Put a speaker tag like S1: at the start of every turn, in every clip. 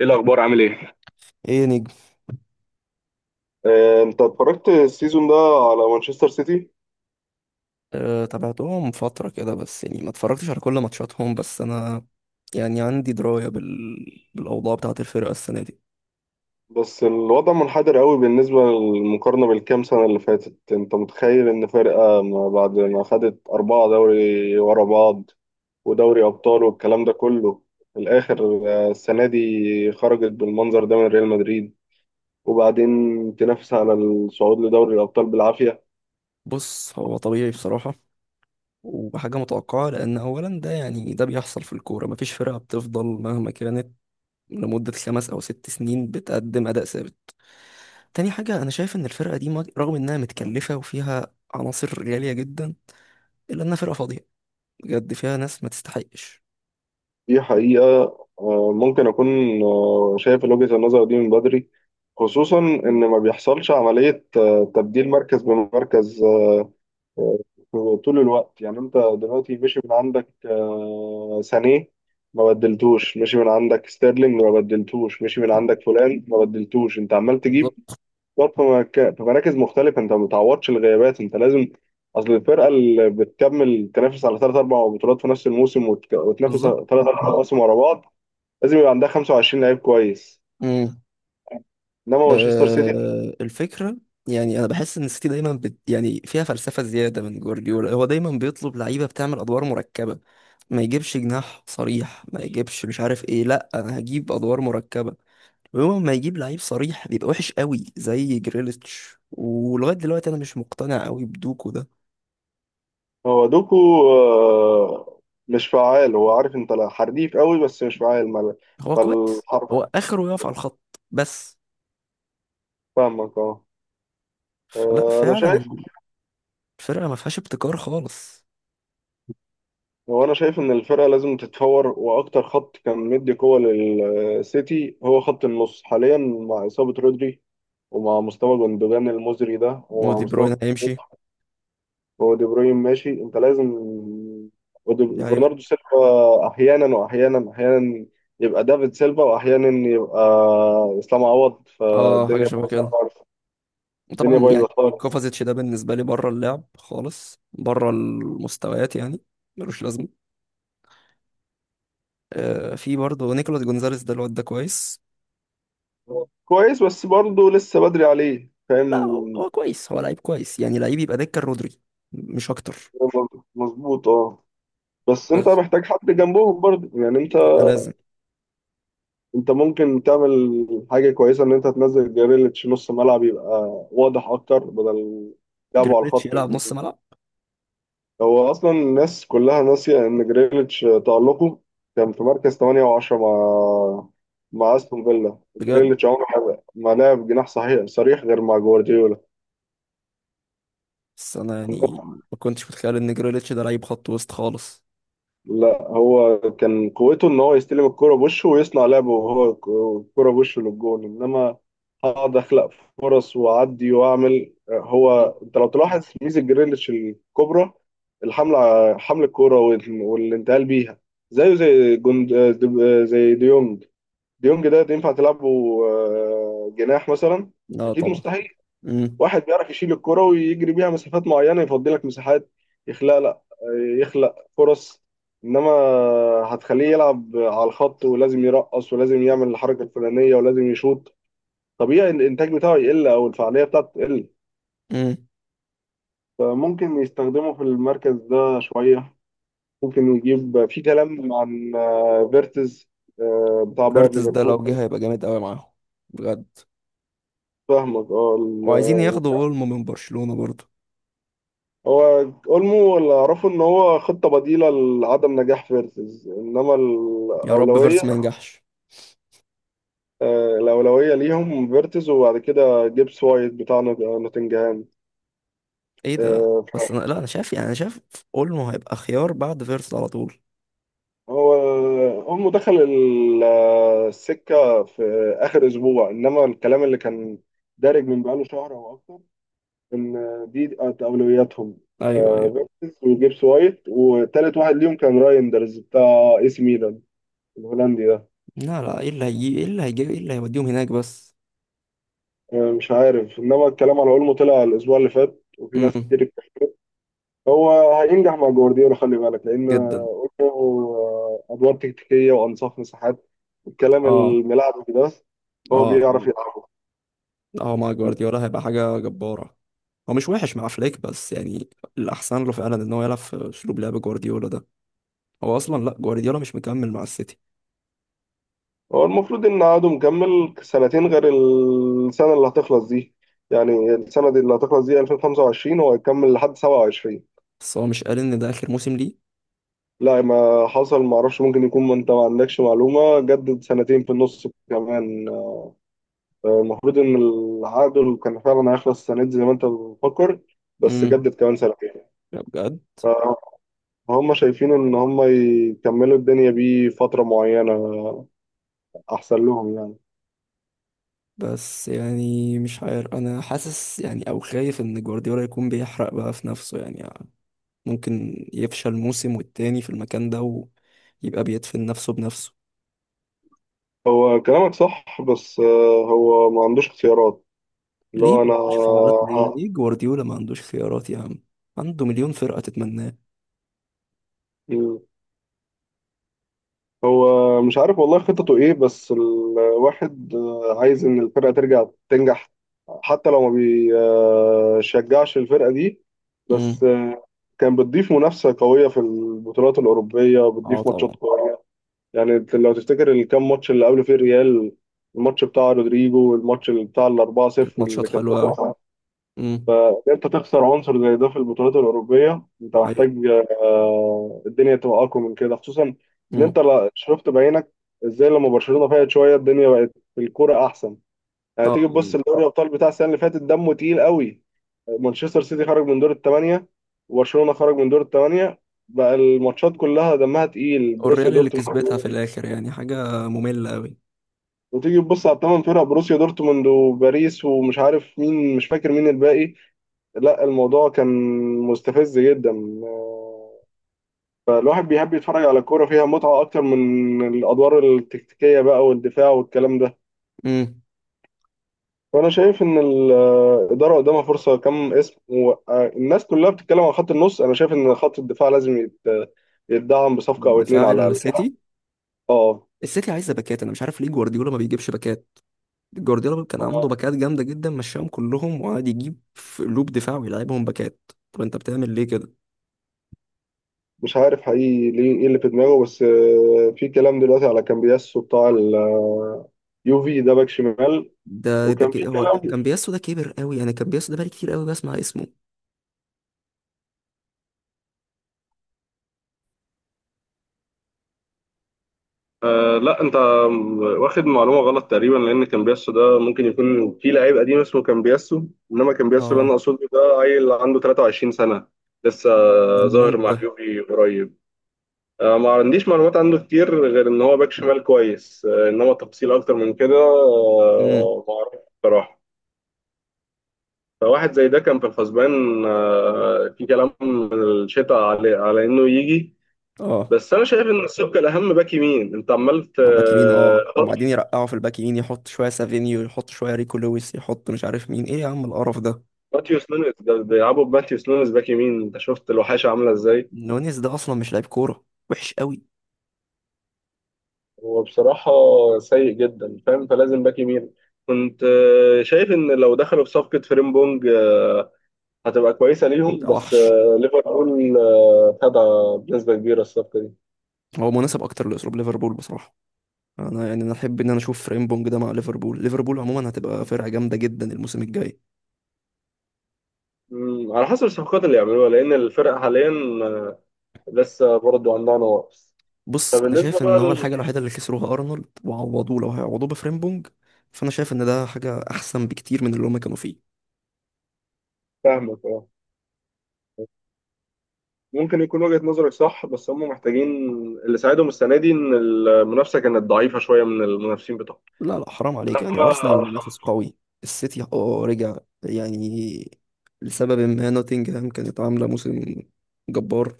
S1: ايه الاخبار عامل ايه؟
S2: ايه يا نجم.
S1: انت اتفرجت السيزون ده على مانشستر سيتي؟
S2: أه، تابعتهم فترة كده، بس يعني ما اتفرجتش على كل ماتشاتهم، بس انا يعني عندي دراية بالأوضاع بتاعة الفرقة السنة دي.
S1: بس الوضع منحدر قوي بالنسبة للمقارنة بالكام سنة اللي فاتت. انت متخيل ان فرقة ما بعد ما خدت أربعة دوري ورا بعض ودوري أبطال والكلام ده كله، في الآخر السنة دي خرجت بالمنظر ده من ريال مدريد، وبعدين تنافس على الصعود لدوري الأبطال بالعافية.
S2: بص، هو طبيعي بصراحة، وحاجة متوقعة، لأن أولا ده يعني ده بيحصل في الكورة، مفيش فرقة بتفضل مهما كانت لمدة 5 أو 6 سنين بتقدم أداء ثابت. تاني حاجة، أنا شايف إن الفرقة دي رغم إنها متكلفة وفيها عناصر غالية جدا، إلا إنها فرقة فاضية، بجد فيها ناس ما تستحقش.
S1: دي حقيقة. ممكن أكون شايف وجهة النظر دي من بدري. خصوصا إن ما بيحصلش عملية تبديل مركز بمركز آه، طول الوقت. يعني أنت دلوقتي مشي من عندك سانيه ما بدلتوش، مشي من عندك ستيرلينج ما بدلتوش، مشي من عندك فلان ما بدلتوش، أنت عمال تجيب
S2: بالظبط
S1: برضه في مراكز مختلفة. أنت ما بتعوضش الغيابات. أنت لازم، أصل الفرقة اللي بتكمل تنافس على ثلاث أربع بطولات في نفس الموسم، وتنافس
S2: بالظبط.
S1: ثلاث أربع مواسم ورا بعض، لازم يبقى عندها 25 لعيب كويس.
S2: مم.
S1: انما مانشستر سيتي،
S2: أه، الفكرة يعني أنا بحس إن السيتي دايما بت يعني فيها فلسفة زيادة. من جوارديولا، هو دايما بيطلب لعيبة بتعمل أدوار مركبة. ما يجيبش جناح صريح، ما يجيبش مش عارف إيه، لأ أنا هجيب أدوار مركبة. ويوم ما يجيب لعيب صريح بيبقى وحش قوي، زي جريليتش. ولغاية دلوقتي أنا مش مقتنع قوي بدوكو ده.
S1: هو دوكو آه، مش فعال. هو عارف انت، لا حريف قوي بس مش فعال مال.
S2: هو كويس،
S1: فالحرف،
S2: هو آخره يقف على الخط بس.
S1: فاهمك اه.
S2: فلا،
S1: انا
S2: فعلا
S1: شايف،
S2: الفرقة ما فيهاش ابتكار خالص.
S1: هو انا شايف ان الفرقه لازم تتفور. واكتر خط كان مدي قوه للسيتي هو خط النص. حاليا مع اصابه رودري ومع مستوى جندوجان المزري ده ومع
S2: ودي
S1: مستوى،
S2: بروين هيمشي.
S1: هو دي بروين ماشي انت لازم،
S2: ده هي-
S1: وبرناردو سيلفا احيانا واحيانا احيانا يبقى دافيد سيلفا واحيانا يبقى اسلام عوض،
S2: اه، حاجة
S1: فالدنيا
S2: شبه
S1: بايظه
S2: كده.
S1: خالص. الدنيا
S2: طبعا
S1: بايظه
S2: يعني
S1: خالص.
S2: كوفازيتش ده بالنسبة لي بره اللعب خالص، بره المستويات يعني، ملوش لازمة. آه، في برضه نيكولاس جونزاليس، ده الواد ده كويس.
S1: كويس بس برضه لسه بدري عليه،
S2: لا،
S1: فاهم؟
S2: هو هو كويس، هو لعيب كويس، يعني لعيب يبقى دكة رودري، مش أكتر.
S1: مظبوط اه. بس انت
S2: بس
S1: محتاج حد جنبهم برضه، يعني انت،
S2: ده لازم.
S1: انت ممكن تعمل حاجه كويسه ان انت تنزل جريليتش نص ملعب، يبقى واضح اكتر بدل لعبه على
S2: جريليتش
S1: الخط.
S2: يلعب نص ملعب؟
S1: هو اصلا الناس كلها ناسيه ان جريليتش تالقه كان في مركز 8 و10 مع مع استون فيلا.
S2: بجد؟
S1: جريليتش عمره ما لعب جناح صحيح صريح غير مع جوارديولا.
S2: بس أنا يعني ما كنتش متخيل إن جريليتش ده لعيب خط وسط خالص.
S1: لا هو كان قوته ان هو يستلم الكرة بوشه ويصنع لعبه، وهو الكرة بوشه للجون، انما هقعد اخلق فرص واعدي واعمل.
S2: مم.
S1: هو انت لو تلاحظ ميزة جريليتش الكبرى الحملة، حمل الكرة والانتقال بيها. زيه زي جند، زي ديونج. ديونج ده ينفع تلعبه جناح مثلا؟
S2: لا
S1: اكيد
S2: طبعا.
S1: مستحيل.
S2: امم.
S1: واحد بيعرف يشيل الكرة ويجري بيها مسافات معينة، يفضي لك مساحات، يخلق، لا يخلق فرص. انما هتخليه يلعب على الخط ولازم يرقص ولازم يعمل الحركة الفلانية ولازم يشوط، طبيعي الانتاج بتاعه يقل او الفعالية بتاعته تقل.
S2: امم.
S1: فممكن يستخدمه في المركز ده شوية. ممكن يجيب في كلام عن فيرتز بتاع باير
S2: فيرتس ده لو
S1: ليفركوزن.
S2: جه هيبقى جامد قوي معاهم، بجد.
S1: فاهمك
S2: وعايزين
S1: اه.
S2: ياخدوا اولمو من برشلونة برضه.
S1: هو اولمو اللي اعرفه ان هو خطه بديله لعدم نجاح فيرتز، انما
S2: يا رب
S1: الاولويه،
S2: فيرس ما ينجحش.
S1: الاولويه ليهم فيرتز وبعد كده جيبس وايت بتاع نوتنجهام.
S2: ايه ده؟
S1: آه، ف-
S2: بس انا لا انا شايف، يعني انا شايف اولمو هيبقى خيار بعد فيرس على طول.
S1: هو اولمو دخل السكه في اخر اسبوع، انما الكلام اللي كان دارج من بقاله شهر او اكتر ان دي كانت اولوياتهم.
S2: ايوه، ايوه.
S1: آه، فيرتز وجيبس وايت وتالت واحد ليهم كان رايندرز بتاع اي سي ميلان، الهولندي ده.
S2: لا، لا، ايه اللي هيوديهم هناك بس؟
S1: مش عارف. انما الكلام على اولمو طلع الاسبوع اللي فات وفي ناس
S2: امم.
S1: كتير اتكلمت. هو هينجح مع جوارديولا، خلي بالك، لان
S2: جدا.
S1: اولمو ادوار تكتيكيه وانصاف مساحات، الكلام
S2: اه،
S1: الملعب ده بس هو
S2: اه.
S1: بيعرف
S2: اه،
S1: يلعبه.
S2: اه، مع جوارديولا هيبقى حاجة جبارة. هو مش وحش مع فليك، بس يعني الأحسن له فعلا إن هو يلعب في أسلوب لعب جوارديولا ده. هو أصلا، لأ، جوارديولا مش مكمل مع السيتي.
S1: هو المفروض ان عقده مكمل سنتين غير السنه اللي هتخلص دي. يعني السنه دي اللي هتخلص دي 2025، هو هيكمل لحد 27.
S2: بس هو مش قال إن ده آخر موسم ليه؟
S1: لا ما حصل، ما اعرفش ممكن يكون، ما انت ما عندكش معلومه، جدد سنتين في النص كمان. المفروض إن العقد اللي كان فعلا هيخلص السنة دي زي ما أنت بتفكر، بس
S2: امم.
S1: جدد كمان سنتين.
S2: بجد؟
S1: فهم شايفين إن هم يكملوا الدنيا بيه فترة معينة أحسن لهم، يعني.
S2: بس يعني مش عارف، انا حاسس يعني او خايف ان جوارديولا يكون بيحرق بقى في نفسه. يعني ممكن يفشل موسم والتاني في المكان ده، ويبقى بيدفن نفسه بنفسه.
S1: هو كلامك صح، بس هو ما عندوش اختيارات. اللي
S2: ليه
S1: هو،
S2: ما عندوش خيارات؟ ليه؟ ليه جوارديولا ما عندوش خيارات يا عم؟ عنده مليون فرقة تتمناه.
S1: أنا، هو مش عارف والله خططه ايه، بس الواحد عايز ان الفرقة ترجع تنجح، حتى لو ما بيشجعش الفرقة دي.
S2: امم.
S1: بس كان بتضيف منافسة قوية في البطولات الأوروبية،
S2: اه
S1: بتضيف
S2: طبعا.
S1: ماتشات قوية. يعني انت لو تفتكر الكام ماتش اللي قبل فيه الريال، الماتش بتاع رودريجو والماتش اللي بتاع الأربعة
S2: كانت
S1: صفر
S2: ماتشات
S1: اللي كان في،
S2: حلوة قوي. امم.
S1: فإن انت تخسر عنصر زي ده في البطولات الاوروبيه، انت
S2: ايوه.
S1: محتاج الدنيا تبقى اقوى من كده. خصوصا ان
S2: امم.
S1: انت شفت بعينك ازاي لما برشلونه فاقت شويه، الدنيا بقت في الكوره احسن. يعني
S2: اه،
S1: تيجي تبص لدوري الابطال بتاع السنه اللي فاتت، دمه تقيل قوي. مانشستر سيتي خرج من دور الثمانيه، وبرشلونه خرج من دور الثمانيه، بقى الماتشات كلها دمها تقيل، بروسيا
S2: والريال اللي
S1: دورتموند.
S2: كسبتها في الاخر يعني حاجة مملة قوي.
S1: وتيجي تبص على الثمان فرق، بروسيا دورتموند وباريس ومش عارف مين، مش فاكر مين الباقي. لا الموضوع كان مستفز جدا. فالواحد بيحب يتفرج على كورة فيها متعة أكتر من الأدوار التكتيكية بقى والدفاع والكلام ده.
S2: امم.
S1: فأنا شايف إن الإدارة قدامها فرصة كم اسم، والناس كلها بتتكلم عن خط النص. أنا شايف إن خط الدفاع لازم يتدعم بصفقة أو اتنين
S2: دفاع
S1: على الأقل.
S2: السيتي.
S1: أه.
S2: السيتي عايزة باكات، انا مش عارف ليه جوارديولا ما بيجيبش باكات. جوارديولا كان عنده باكات جامده جدا، مشاهم كلهم وقعد يجيب في لوب دفاع ويلعبهم باكات. طب انت بتعمل ليه كده؟
S1: مش عارف حقيقي ليه ايه اللي في دماغه، بس في كلام دلوقتي على كامبياسو بتاع اليوفي ده، باك شمال.
S2: ده
S1: وكان في
S2: كده. هو
S1: كلام،
S2: كان بياسو ده كبر قوي، انا كان بياسو ده بقالي كتير قوي بسمع اسمه.
S1: واخد معلومه غلط تقريبا، لان كامبياسو ده ممكن يكون في لعيب قديم اسمه كامبياسو، انما كامبياسو اللي انا
S2: اه.
S1: اقصده ده عيل عنده 23 سنه لسه،
S2: ده
S1: ظاهر
S2: منين
S1: مع
S2: ده؟
S1: اليوفي قريب. ما عنديش معلومات عنه كتير غير ان هو باك شمال كويس. انما تفصيل اكتر من كده
S2: امم.
S1: ما اعرفش بصراحه. فواحد زي ده كان في الحسبان. في كلام من الشتاء على انه يجي.
S2: اه.
S1: بس انا شايف ان الصفقه الاهم باك يمين. انت عمال
S2: هو باك يمين، اه. وبعدين يرقعوا في الباك يمين، يحط شويه سافينيو، يحط شويه ريكو لويس، يحط مش عارف مين، ايه يا عم القرف ده؟
S1: ماتيوس نونيز، ده بيلعبوا بماتيوس نونيز باك يمين. انت شفت الوحاشه عامله ازاي؟
S2: نونيز ده اصلا مش لعيب كوره، وحش قوي.
S1: هو بصراحه سيء جدا، فاهم؟ فلازم باك يمين. كنت شايف ان لو دخلوا بصفقه فريمبونج هتبقى كويسه ليهم،
S2: ده
S1: بس
S2: وحش.
S1: ليفربول خدها بنسبه كبيره الصفقه دي.
S2: هو مناسب اكتر لاسلوب ليفربول بصراحه. انا يعني انا احب ان انا اشوف فريمبونج ده مع ليفربول. ليفربول عموما هتبقى فرقه جامده جدا الموسم الجاي.
S1: مم، على حسب الصفقات اللي يعملوها، لان الفرق حاليا لسه برضه عندها نواقص.
S2: بص، انا
S1: فبالنسبة
S2: شايف
S1: بقى،
S2: ان هو الحاجه الوحيده اللي خسروها ارنولد، وعوضوه، لو هيعوضوه بفريمبونج، فانا شايف ان ده حاجه احسن بكتير من اللي هما كانوا فيه.
S1: لفهمك اه. ممكن يكون وجهة نظرك صح، بس هم محتاجين، اللي ساعدهم السنة دي إن المنافسة كانت ضعيفة شوية من المنافسين بتوعهم.
S2: لا، لا، حرام عليك، يعني ارسنال منافس قوي. السيتي اه رجع يعني. لسبب ما نوتنجهام كانت عامله موسم جبار.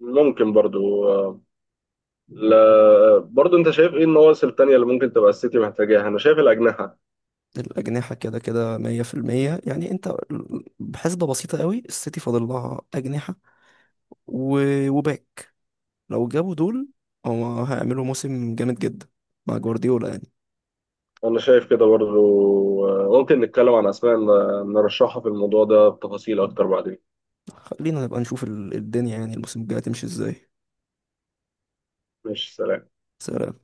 S1: لما ممكن برضو لا، برضو انت شايف ايه النواقص التانية اللي ممكن تبقى السيتي محتاجاها؟ انا شايف الأجنحة.
S2: الأجنحة كده كده 100%. يعني أنت بحسبة بسيطة قوي، السيتي فاضل لها أجنحة، و... وباك. لو جابوا دول، هو هيعملوا موسم جامد جدا مع جوارديولا يعني.
S1: انا شايف كده برضو. ممكن نتكلم عن اسماء نرشحها في الموضوع ده بتفاصيل اكتر بعدين.
S2: خلينا نبقى نشوف الدنيا يعني الموسم الجاي هتمشي ازاي.
S1: ماشي، سلام.
S2: سلام.